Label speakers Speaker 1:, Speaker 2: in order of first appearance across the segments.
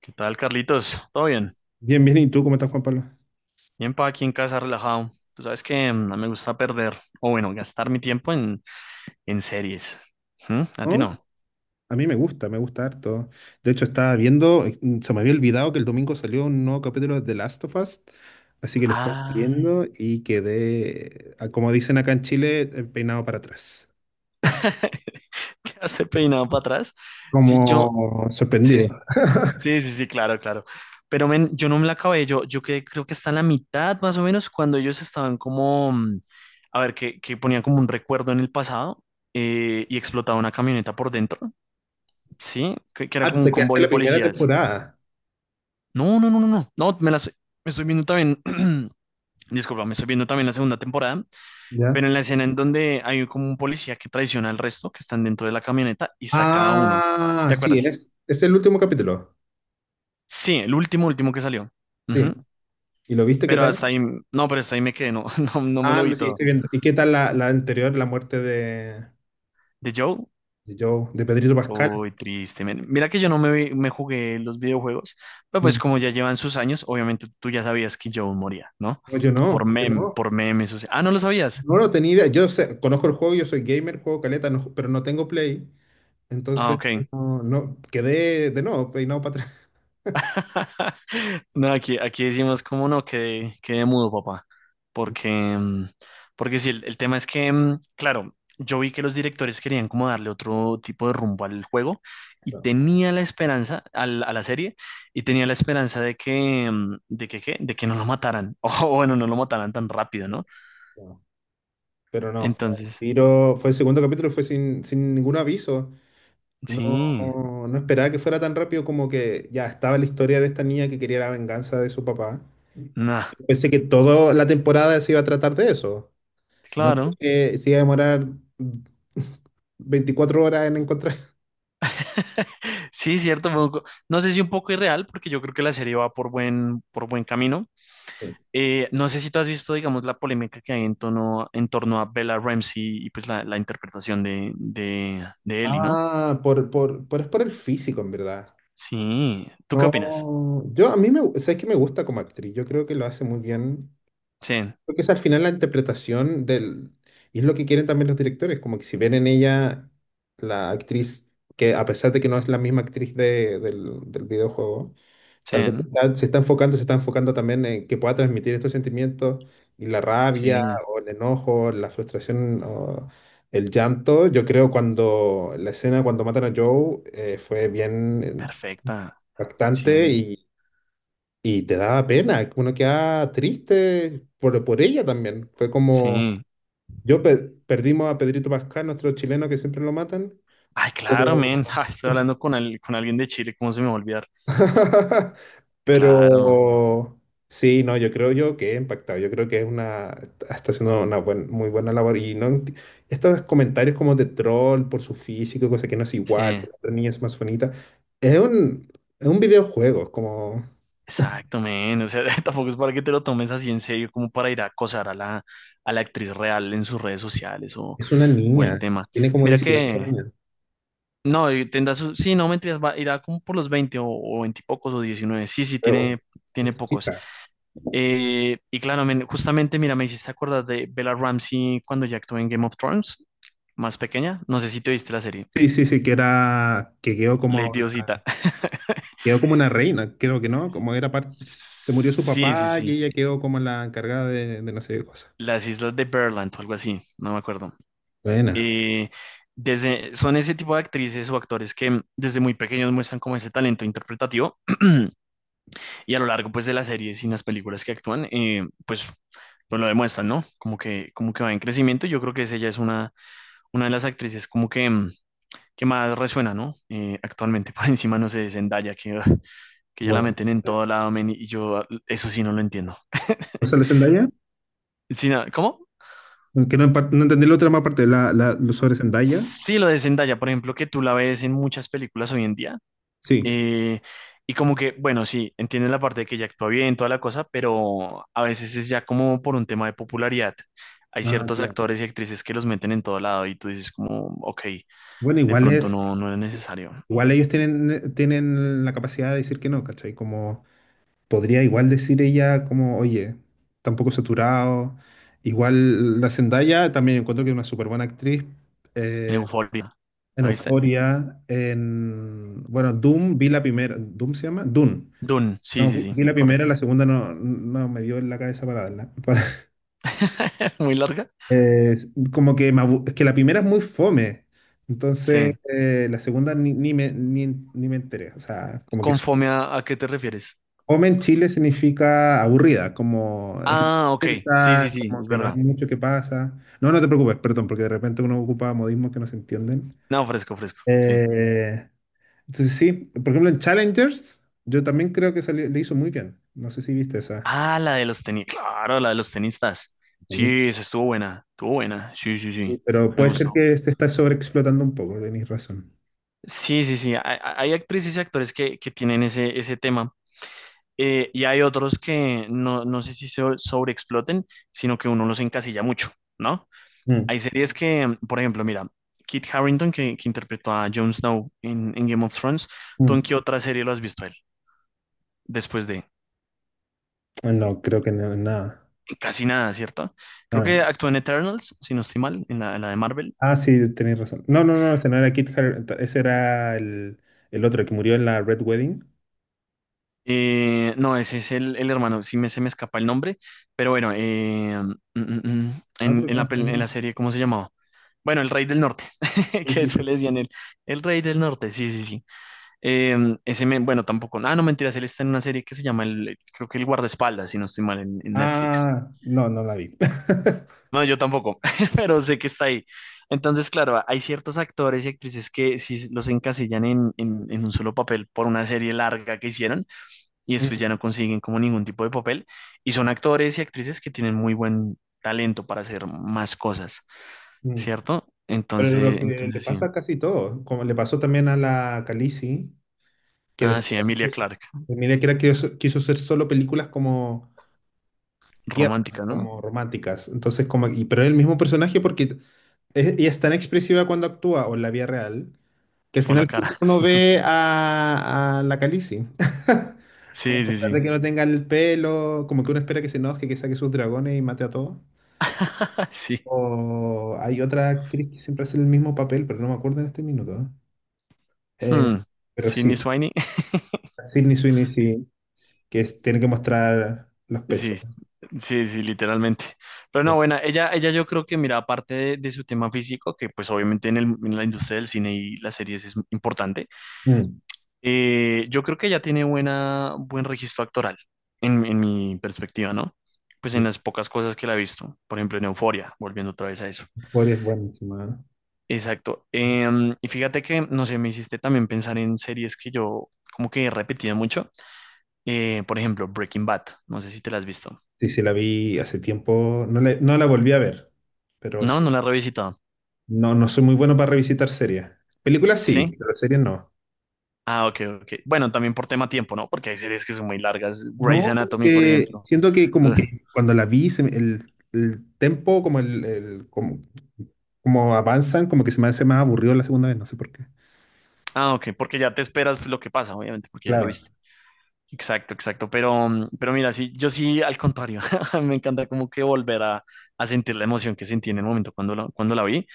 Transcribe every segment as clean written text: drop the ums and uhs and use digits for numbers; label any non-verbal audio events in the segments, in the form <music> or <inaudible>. Speaker 1: ¿Qué tal, Carlitos? ¿Todo bien?
Speaker 2: Bien, bien, ¿y tú cómo estás, Juan Pablo?
Speaker 1: Bien, pa, aquí en casa relajado. Tú sabes que no me gusta perder, o bueno, gastar mi tiempo en series. ¿Mm? ¿A ti
Speaker 2: ¿Oh?
Speaker 1: no?
Speaker 2: A mí me gusta harto. De hecho, estaba viendo, se me había olvidado que el domingo salió un nuevo capítulo de The Last of Us, así que lo estaba
Speaker 1: Ah,
Speaker 2: viendo y quedé, ah, como dicen acá en Chile, peinado para atrás.
Speaker 1: <laughs> ¿qué hace peinado para atrás? Sí, yo,
Speaker 2: Como
Speaker 1: sí,
Speaker 2: sorprendido.
Speaker 1: sí, sí, sí, claro, claro. Pero men, yo no me la acabé, yo quedé, creo que está en la mitad más o menos cuando ellos estaban como, a ver, que ponían como un recuerdo en el pasado y explotaba una camioneta por dentro, ¿sí? Que era
Speaker 2: Ah,
Speaker 1: como un
Speaker 2: te quedaste
Speaker 1: convoy
Speaker 2: en
Speaker 1: de
Speaker 2: la primera
Speaker 1: policías.
Speaker 2: temporada.
Speaker 1: No, no, no, no, no. No, me la estoy, me estoy viendo también. <clears throat> Disculpa, me estoy viendo también la segunda temporada, pero
Speaker 2: ¿Ya?
Speaker 1: en la escena en donde hay como un policía que traiciona al resto, que están dentro de la camioneta y saca a uno. ¿Sí
Speaker 2: Ah,
Speaker 1: te
Speaker 2: sí,
Speaker 1: acuerdas?
Speaker 2: es el último capítulo.
Speaker 1: Sí, el último, último que salió.
Speaker 2: Sí.
Speaker 1: Ujú.
Speaker 2: ¿Y lo viste qué
Speaker 1: Pero hasta
Speaker 2: tal?
Speaker 1: ahí, no, pero hasta ahí me quedé, no, <laughs> no, no me
Speaker 2: Ah,
Speaker 1: lo
Speaker 2: lo
Speaker 1: vi todo.
Speaker 2: seguiste viendo. ¿Y qué tal la anterior, la muerte de,
Speaker 1: ¿De Joe?
Speaker 2: de Joe, de Pedrito Pascal?
Speaker 1: Uy, triste, men. Mira que yo no me, me jugué los videojuegos, pero pues como ya llevan sus años, obviamente tú ya sabías que Joe moría, ¿no?
Speaker 2: No, yo no, yo no.
Speaker 1: Por memes. O sea... Ah, ¿no lo sabías?
Speaker 2: No lo tenía idea. Conozco el juego, yo soy gamer, juego caleta, pero no tengo Play.
Speaker 1: Ah,
Speaker 2: Entonces,
Speaker 1: ok.
Speaker 2: no, no, quedé de nuevo, peinado para atrás.
Speaker 1: <laughs> No, aquí, aquí decimos, como no, que quedé mudo, papá. Porque,
Speaker 2: <laughs>
Speaker 1: porque sí, el tema es que, claro, yo vi que los directores querían como darle otro tipo de rumbo al juego y
Speaker 2: No,
Speaker 1: tenía la esperanza, a la serie, y tenía la esperanza de que, ¿qué? De que no lo mataran. <laughs> O bueno, no lo mataran tan rápido, ¿no?
Speaker 2: no. Pero no, fue un
Speaker 1: Entonces,
Speaker 2: tiro, fue el segundo capítulo y fue sin ningún aviso. No,
Speaker 1: sí,
Speaker 2: no esperaba que fuera tan rápido como que ya estaba la historia de esta niña que quería la venganza de su papá.
Speaker 1: nada,
Speaker 2: Pensé que toda la temporada se iba a tratar de eso. No
Speaker 1: claro.
Speaker 2: que se iba a demorar <laughs> 24 horas en encontrar.
Speaker 1: <laughs> Sí, cierto, fue un no sé si un poco irreal, porque yo creo que la serie va por buen camino. No sé si tú has visto, digamos, la polémica que hay en torno a Bella Ramsey y pues la interpretación de Ellie, ¿no?
Speaker 2: Ah, por, es por el físico, en verdad.
Speaker 1: Sí. ¿Tú qué opinas?
Speaker 2: No, yo a mí me, sabes que me gusta como actriz, yo creo que lo hace muy bien,
Speaker 1: Sí,
Speaker 2: porque es al final la interpretación del, y es lo que quieren también los directores, como que si ven en ella la actriz, que a pesar de que no es la misma actriz del videojuego. Tal vez se
Speaker 1: sí,
Speaker 2: está, se está enfocando, se está enfocando también en que pueda transmitir estos sentimientos y la rabia
Speaker 1: sí.
Speaker 2: o el enojo, la frustración o el llanto. Yo creo cuando la escena cuando matan a Joe fue bien
Speaker 1: Perfecta.
Speaker 2: impactante
Speaker 1: Sí,
Speaker 2: y te daba pena. Uno queda triste por ella también. Fue como,
Speaker 1: sí.
Speaker 2: yo pe- perdimos a Pedrito Pascal, nuestro chileno que siempre lo matan.
Speaker 1: Ay, claro,
Speaker 2: Pero
Speaker 1: men. <laughs> Ah, estoy hablando con, con alguien de Chile, ¿cómo se me va a olvidar?
Speaker 2: <laughs> Pero
Speaker 1: Claro,
Speaker 2: sí, no, yo creo yo que he impactado. Yo creo que es una, está haciendo una muy buena labor. Y no, estos comentarios como de troll por su físico, cosa que no es igual, que
Speaker 1: sí.
Speaker 2: la otra niña es más bonita. Es un, es un videojuego, es como,
Speaker 1: Exacto, men. O sea, <laughs> tampoco es para que te lo tomes así en serio, como para ir a acosar a la actriz real en sus redes sociales
Speaker 2: es una
Speaker 1: o el
Speaker 2: niña,
Speaker 1: tema.
Speaker 2: tiene como
Speaker 1: Mira
Speaker 2: 18
Speaker 1: que...
Speaker 2: años.
Speaker 1: No, y tendrá su, sí, no mentiras, va, irá como por los 20 o 20 y pocos o diecinueve. Sí, sí,
Speaker 2: Pero bueno,
Speaker 1: tiene, tiene
Speaker 2: es
Speaker 1: pocos.
Speaker 2: chica.
Speaker 1: Y claro, men, justamente, mira, me hiciste acordar de Bella Ramsey cuando ya actuó en Game of Thrones, más pequeña. No sé si te viste la serie.
Speaker 2: Sí, sí, sí, que era, que
Speaker 1: Lady Diosita. <laughs>
Speaker 2: quedó como una reina, creo que no, como era parte, se murió su
Speaker 1: Sí, sí,
Speaker 2: papá y
Speaker 1: sí.
Speaker 2: ella quedó como la encargada de no sé qué cosa.
Speaker 1: Las Islas de Berland o algo así, no me acuerdo.
Speaker 2: Buena.
Speaker 1: Eh, desde, son ese tipo de actrices o actores que desde muy pequeños muestran como ese talento interpretativo. Y a lo largo, pues, de las series y las películas que actúan, pues lo demuestran, ¿no? Como que va en crecimiento. Yo creo que esa ya es una de las actrices como que, que más resuena, ¿no? Actualmente, <laughs> por encima, no sé, de Zendaya, que, ah, que ya la
Speaker 2: Bueno,
Speaker 1: meten en
Speaker 2: este,
Speaker 1: todo lado, men, y yo ah, eso sí no lo entiendo.
Speaker 2: o sea, la Zendaya,
Speaker 1: Sí, no, ¿cómo?
Speaker 2: aunque no, no entendí la otra más parte, lo sobre Zendaya.
Speaker 1: Sí, lo de Zendaya, por ejemplo, que tú la ves en muchas películas hoy en día.
Speaker 2: Sí.
Speaker 1: Eh, y como que, bueno, sí, entienden la parte de que ya actúa bien, toda la cosa, pero a veces es ya como por un tema de popularidad. Hay
Speaker 2: Ah,
Speaker 1: ciertos
Speaker 2: claro.
Speaker 1: actores y actrices que los meten en todo lado y tú dices como, ok,
Speaker 2: Bueno,
Speaker 1: de pronto no, no es necesario.
Speaker 2: igual ellos tienen la capacidad de decir que no, ¿cachai? Como podría igual decir ella como, oye, tampoco saturado. Igual la Zendaya también encuentro que es una súper buena actriz.
Speaker 1: En
Speaker 2: eh,
Speaker 1: Euphoria,
Speaker 2: en
Speaker 1: ¿la viste?
Speaker 2: Euphoria, en, bueno, Doom, vi la primera, ¿Doom se llama? Dune.
Speaker 1: Dune, sí,
Speaker 2: No,
Speaker 1: sí,
Speaker 2: vi
Speaker 1: sí,
Speaker 2: vi la primera,
Speaker 1: correcto.
Speaker 2: la segunda no, no me dio en la cabeza para darla.
Speaker 1: <laughs> Muy larga.
Speaker 2: Eh, como que, es que la primera es muy fome, entonces
Speaker 1: Sí.
Speaker 2: la segunda ni me enteré. O sea, como que
Speaker 1: ¿Con fome a qué te refieres?
Speaker 2: fome en Chile significa aburrida, como es
Speaker 1: Ah, ok, sí, sí,
Speaker 2: lenta,
Speaker 1: sí,
Speaker 2: como
Speaker 1: es
Speaker 2: que no hay
Speaker 1: verdad.
Speaker 2: mucho que pasa. No, no te preocupes, perdón, porque de repente uno ocupa modismos que no se entienden.
Speaker 1: No, fresco, fresco, sí.
Speaker 2: Eh, entonces sí, por ejemplo en Challengers, yo también creo que le hizo muy bien. No sé si viste esa.
Speaker 1: Ah, la de los tenis, claro, la de los tenistas.
Speaker 2: Buenísimo.
Speaker 1: Sí, esa estuvo buena, estuvo buena. Sí, sí, sí,
Speaker 2: Pero
Speaker 1: me
Speaker 2: puede ser
Speaker 1: gustó.
Speaker 2: que se está sobreexplotando un poco, tenéis razón.
Speaker 1: Sí, sí, sí, hay, hay actrices y actores que tienen ese, ese tema. Eh, y hay otros que no, no sé si se sobreexploten, sino que uno los encasilla mucho, ¿no?
Speaker 2: Mm,
Speaker 1: Hay series que, por ejemplo, mira, Kit Harington, que interpretó a Jon Snow en Game of Thrones, ¿tú en
Speaker 2: mm.
Speaker 1: qué otra serie lo has visto a él? Después de
Speaker 2: Ah, no, creo que no, nada.
Speaker 1: casi nada, ¿cierto? Creo
Speaker 2: Ah,
Speaker 1: que actúa en Eternals, si no estoy mal, en la de Marvel.
Speaker 2: sí, tenéis razón. No, no, no, ese no era Kit Harington, ese era el otro el que murió en la Red Wedding.
Speaker 1: No, ese es el hermano, sí me, se me escapa el nombre, pero bueno, mm, mm, mm,
Speaker 2: No, creo que
Speaker 1: en
Speaker 2: no
Speaker 1: la,
Speaker 2: está en
Speaker 1: en
Speaker 2: nada.
Speaker 1: la serie, ¿cómo se llamaba? Bueno, el Rey del Norte, <laughs>
Speaker 2: Sí,
Speaker 1: que
Speaker 2: sí,
Speaker 1: eso
Speaker 2: sí,
Speaker 1: le
Speaker 2: sí.
Speaker 1: decían él, el Rey del Norte, sí, sí, sí. Eh, ese, men, bueno, tampoco, ah, no, mentiras, él está en una serie que se llama, el, creo que el Guardaespaldas, si no estoy mal, en Netflix.
Speaker 2: Ah, no, no la vi. <laughs>
Speaker 1: No, yo tampoco, <laughs> pero sé que está ahí. Entonces, claro, hay ciertos actores y actrices que sí los encasillan en, en un solo papel por una serie larga que hicieron y después
Speaker 2: Mm,
Speaker 1: ya no consiguen como ningún tipo de papel. Y son actores y actrices que tienen muy buen talento para hacer más cosas,
Speaker 2: mm.
Speaker 1: ¿cierto?
Speaker 2: Pero lo
Speaker 1: Entonces,
Speaker 2: que le
Speaker 1: entonces sí.
Speaker 2: pasa a casi todo, como le pasó también a la Khaleesi, que
Speaker 1: Ah, sí,
Speaker 2: después
Speaker 1: Emilia Clarke,
Speaker 2: mira que era que quiso hacer solo películas como tiernas,
Speaker 1: romántica, ¿no?
Speaker 2: como románticas. Entonces, como, y, pero es el mismo personaje porque ella es tan expresiva cuando actúa o en la vida real. Que al
Speaker 1: Por
Speaker 2: final
Speaker 1: la cara.
Speaker 2: siempre uno
Speaker 1: <laughs>
Speaker 2: ve a la Khaleesi. <laughs> Como
Speaker 1: Sí,
Speaker 2: a
Speaker 1: sí,
Speaker 2: pesar de
Speaker 1: sí.
Speaker 2: que no tenga el pelo, como que uno espera que se enoje, que saque sus dragones y mate a todos.
Speaker 1: <laughs> Sí.
Speaker 2: O hay otra actriz que siempre hace el mismo papel, pero no me acuerdo en este minuto. Eh, Eh,
Speaker 1: Hmm.
Speaker 2: pero
Speaker 1: Sydney
Speaker 2: sí,
Speaker 1: Sweeney. <laughs>
Speaker 2: Sydney Sweeney sí, que tiene que mostrar los
Speaker 1: Sí,
Speaker 2: pechos.
Speaker 1: sí, sí, literalmente. Pero no, bueno, ella yo creo que, mira, aparte de su tema físico, que pues obviamente en el, en la industria del cine y las series es importante.
Speaker 2: Mm.
Speaker 1: Yo creo que ya tiene buena, buen registro actoral, en mi perspectiva, ¿no? Pues en las pocas cosas que la he visto, por ejemplo en Euforia, volviendo otra vez a eso.
Speaker 2: Euphoria es buenísima. ¿Eh?
Speaker 1: Exacto. Em, y fíjate que, no sé, me hiciste también pensar en series que yo como que repetía mucho. Por ejemplo, Breaking Bad, no sé si te la has visto.
Speaker 2: Sí, sí, la vi hace tiempo. No, le no la volví a ver, pero
Speaker 1: No,
Speaker 2: sí.
Speaker 1: no la he revisitado.
Speaker 2: No, no soy muy bueno para revisitar series. Películas sí,
Speaker 1: ¿Sí?
Speaker 2: pero series no.
Speaker 1: Ah, ok, ok. Bueno, también por tema tiempo, ¿no? Porque hay series que son muy largas. Grey's
Speaker 2: No, como
Speaker 1: Anatomy, por
Speaker 2: que
Speaker 1: ejemplo.
Speaker 2: siento que como
Speaker 1: Ugh.
Speaker 2: que cuando la vi, el tempo, como avanzan, como que se me hace más aburrido la segunda vez, no sé por qué.
Speaker 1: Ah, ok, porque ya te esperas lo que pasa, obviamente, porque ya lo
Speaker 2: Claro,
Speaker 1: viste. Exacto, exacto. Pero, pero mira, sí, yo sí, al contrario, <laughs> me encanta como que volver a sentir la emoción que sentí en el momento cuando la vi.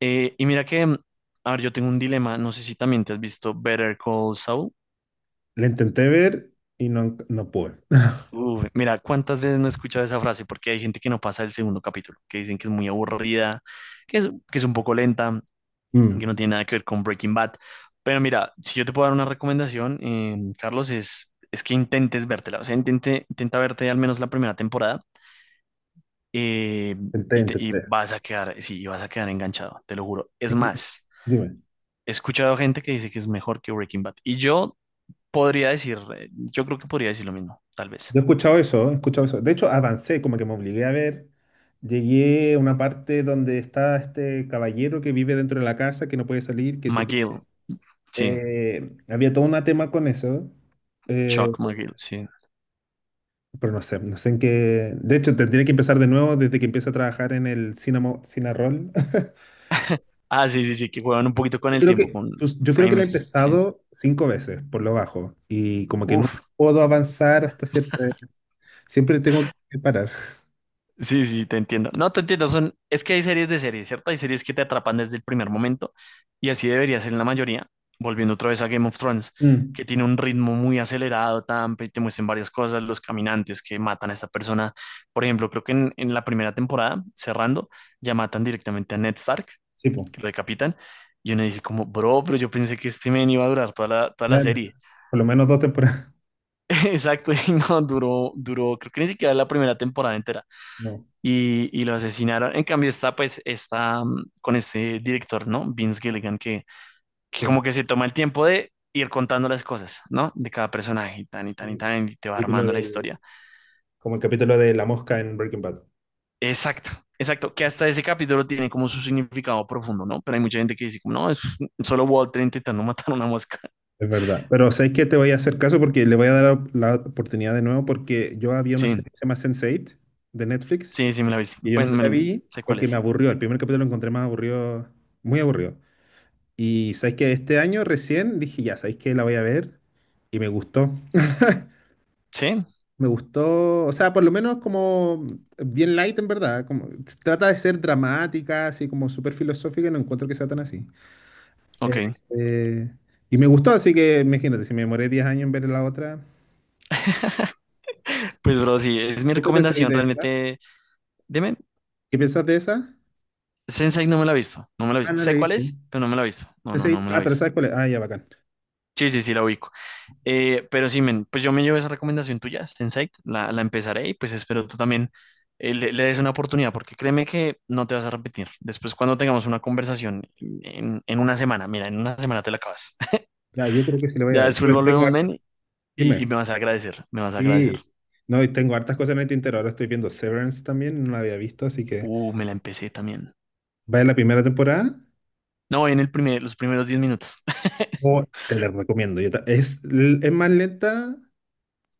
Speaker 1: Y mira que, a ver, yo tengo un dilema, no sé si también te has visto Better Call Saul.
Speaker 2: la intenté ver y no, no pude.
Speaker 1: Uf, mira, ¿cuántas veces no he escuchado esa frase? Porque hay gente que no pasa el segundo capítulo, que dicen que es muy aburrida, que es, que es un poco lenta, que no
Speaker 2: Mm,
Speaker 1: tiene nada que ver con Breaking Bad. Pero mira, si yo te puedo dar una recomendación, Carlos, es que intentes vértela, o sea, intente, intenta verte al menos la primera temporada eh,
Speaker 2: intenté,
Speaker 1: y, y
Speaker 2: intenté.
Speaker 1: vas a quedar, sí, y vas a quedar enganchado, te lo juro. Es
Speaker 2: Es que-
Speaker 1: más,
Speaker 2: Dime.
Speaker 1: he escuchado gente que dice que es mejor que Breaking Bad. Y yo podría decir, yo creo que podría decir lo mismo, tal vez.
Speaker 2: Yo he escuchado eso, he escuchado eso. De hecho, avancé, como que me obligué a ver. Llegué a una parte donde está este caballero que vive dentro de la casa, que no puede salir, que se...
Speaker 1: McGill,
Speaker 2: tiene-.
Speaker 1: sí,
Speaker 2: Había todo un tema con eso. eh,
Speaker 1: Chuck McGill, sí.
Speaker 2: Pero no sé, no sé en qué. De hecho, tendría que empezar de nuevo desde que empecé a trabajar en el Cinamo, Cinarol. <laughs>
Speaker 1: Ah, sí, sí, sí, que juegan un poquito con
Speaker 2: Yo
Speaker 1: el
Speaker 2: creo
Speaker 1: tiempo,
Speaker 2: que,
Speaker 1: con
Speaker 2: pues, yo creo que la he
Speaker 1: frames, sí.
Speaker 2: empezado cinco veces, por lo bajo. Y como que nunca
Speaker 1: Uf,
Speaker 2: puedo avanzar hasta cierto. Siempre tengo que parar.
Speaker 1: sí, sí, te entiendo. No, te entiendo. Son, es que hay series de series, ¿cierto? Hay series que te atrapan desde el primer momento y así debería ser en la mayoría. Volviendo otra vez a Game of Thrones,
Speaker 2: Mm,
Speaker 1: que tiene un ritmo muy acelerado, tan, te muestran varias cosas, los caminantes que matan a esta persona. Por ejemplo, creo que en la primera temporada, cerrando, ya matan directamente a Ned Stark,
Speaker 2: sí, pues.
Speaker 1: que lo decapitan. Y uno dice como, bro, pero yo pensé que este men iba a durar toda la
Speaker 2: Claro.
Speaker 1: serie.
Speaker 2: Por lo menos dos temporadas. <laughs>
Speaker 1: <laughs> Exacto, y no, duró, duró, creo que ni siquiera la primera temporada entera
Speaker 2: No,
Speaker 1: y lo asesinaron. En cambio está pues está con este director, ¿no? Vince Gilligan, que como
Speaker 2: sí.
Speaker 1: que se toma el tiempo de ir contando las cosas, ¿no? De cada personaje, y tan y tan y
Speaker 2: Sí.
Speaker 1: tan, y te va
Speaker 2: Capítulo
Speaker 1: armando la historia.
Speaker 2: como el capítulo de la mosca en Breaking Bad.
Speaker 1: Exacto, exacto, que hasta ese capítulo tiene como su significado profundo, ¿no? Pero hay mucha gente que dice, como, no, es solo Walter intentando <laughs> matar a una mosca.
Speaker 2: Es verdad. Pero ¿sabes qué? Te voy a hacer caso porque le voy a dar la oportunidad de nuevo porque yo había una
Speaker 1: Sí,
Speaker 2: serie que se llama sense Eight de Netflix.
Speaker 1: sí, sí, me la viste.
Speaker 2: Y yo
Speaker 1: Pues
Speaker 2: nunca la
Speaker 1: me-
Speaker 2: vi
Speaker 1: sé cuál
Speaker 2: porque me
Speaker 1: es.
Speaker 2: aburrió. El primer capítulo lo encontré más aburrido, muy aburrido. Y sabéis que este año recién dije, ya, sabéis que la voy a ver. Y me gustó.
Speaker 1: Sí,
Speaker 2: Me gustó, o sea, por lo menos como bien light en verdad. Como, trata de ser dramática, así como súper filosófica, y no encuentro que sea tan así.
Speaker 1: ok.
Speaker 2: Eh, eh, y me gustó, así que imagínate, si me demoré 10 años en ver la otra.
Speaker 1: <laughs> Pues, bro, sí, es mi
Speaker 2: ¿Tú qué pensáis
Speaker 1: recomendación
Speaker 2: de esa?
Speaker 1: realmente. Deme,
Speaker 2: ¿Qué pensás de esa?
Speaker 1: Sensei no me la he visto, no me la he
Speaker 2: Ah,
Speaker 1: visto.
Speaker 2: no
Speaker 1: Sé cuál
Speaker 2: leíste.
Speaker 1: es, pero no me la he visto. No, no, no me la he
Speaker 2: Ah, pero
Speaker 1: visto.
Speaker 2: ¿sabes cuál es? Ah, ya, bacán.
Speaker 1: Sí, sí, sí, la ubico. Pero sí, men, pues yo me llevo esa recomendación tuya, Sensei, la empezaré y pues espero tú también le, le des una oportunidad, porque créeme que no te vas a repetir. Después, cuando tengamos una conversación en una semana, mira, en una semana te la acabas. <laughs>
Speaker 2: Ya, yo creo que sí le voy a
Speaker 1: Ya
Speaker 2: dar.
Speaker 1: después
Speaker 2: Pues tengo
Speaker 1: volvemos, men,
Speaker 2: harta.
Speaker 1: y
Speaker 2: Dime.
Speaker 1: me vas a agradecer, me vas a agradecer.
Speaker 2: Sí, no, y tengo hartas cosas en el tintero. Ahora estoy viendo Severance también, no la había visto, así que
Speaker 1: Me la empecé también.
Speaker 2: vaya la primera temporada.
Speaker 1: No, en el primer, los primeros 10 minutos. <laughs>
Speaker 2: Oh, te la recomiendo. Es es más lenta,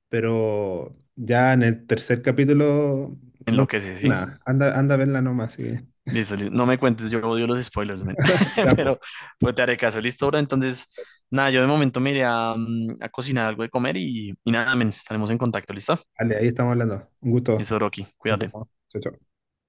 Speaker 2: pero ya en el tercer capítulo, no,
Speaker 1: Enloquece, ¿sí?
Speaker 2: nada, anda, anda a verla nomás. Así
Speaker 1: Listo, listo. No me cuentes, yo odio los spoilers, men. <laughs>
Speaker 2: ya, pues,
Speaker 1: Pero pues te haré caso, listo, bro. Entonces, nada, yo de momento me iré a, a cocinar algo de comer y nada, men, estaremos en contacto, ¿listo?
Speaker 2: vale, ahí estamos hablando. Un gusto.
Speaker 1: Listo, Rocky,
Speaker 2: Nos
Speaker 1: cuídate.
Speaker 2: vemos. Chao, chao.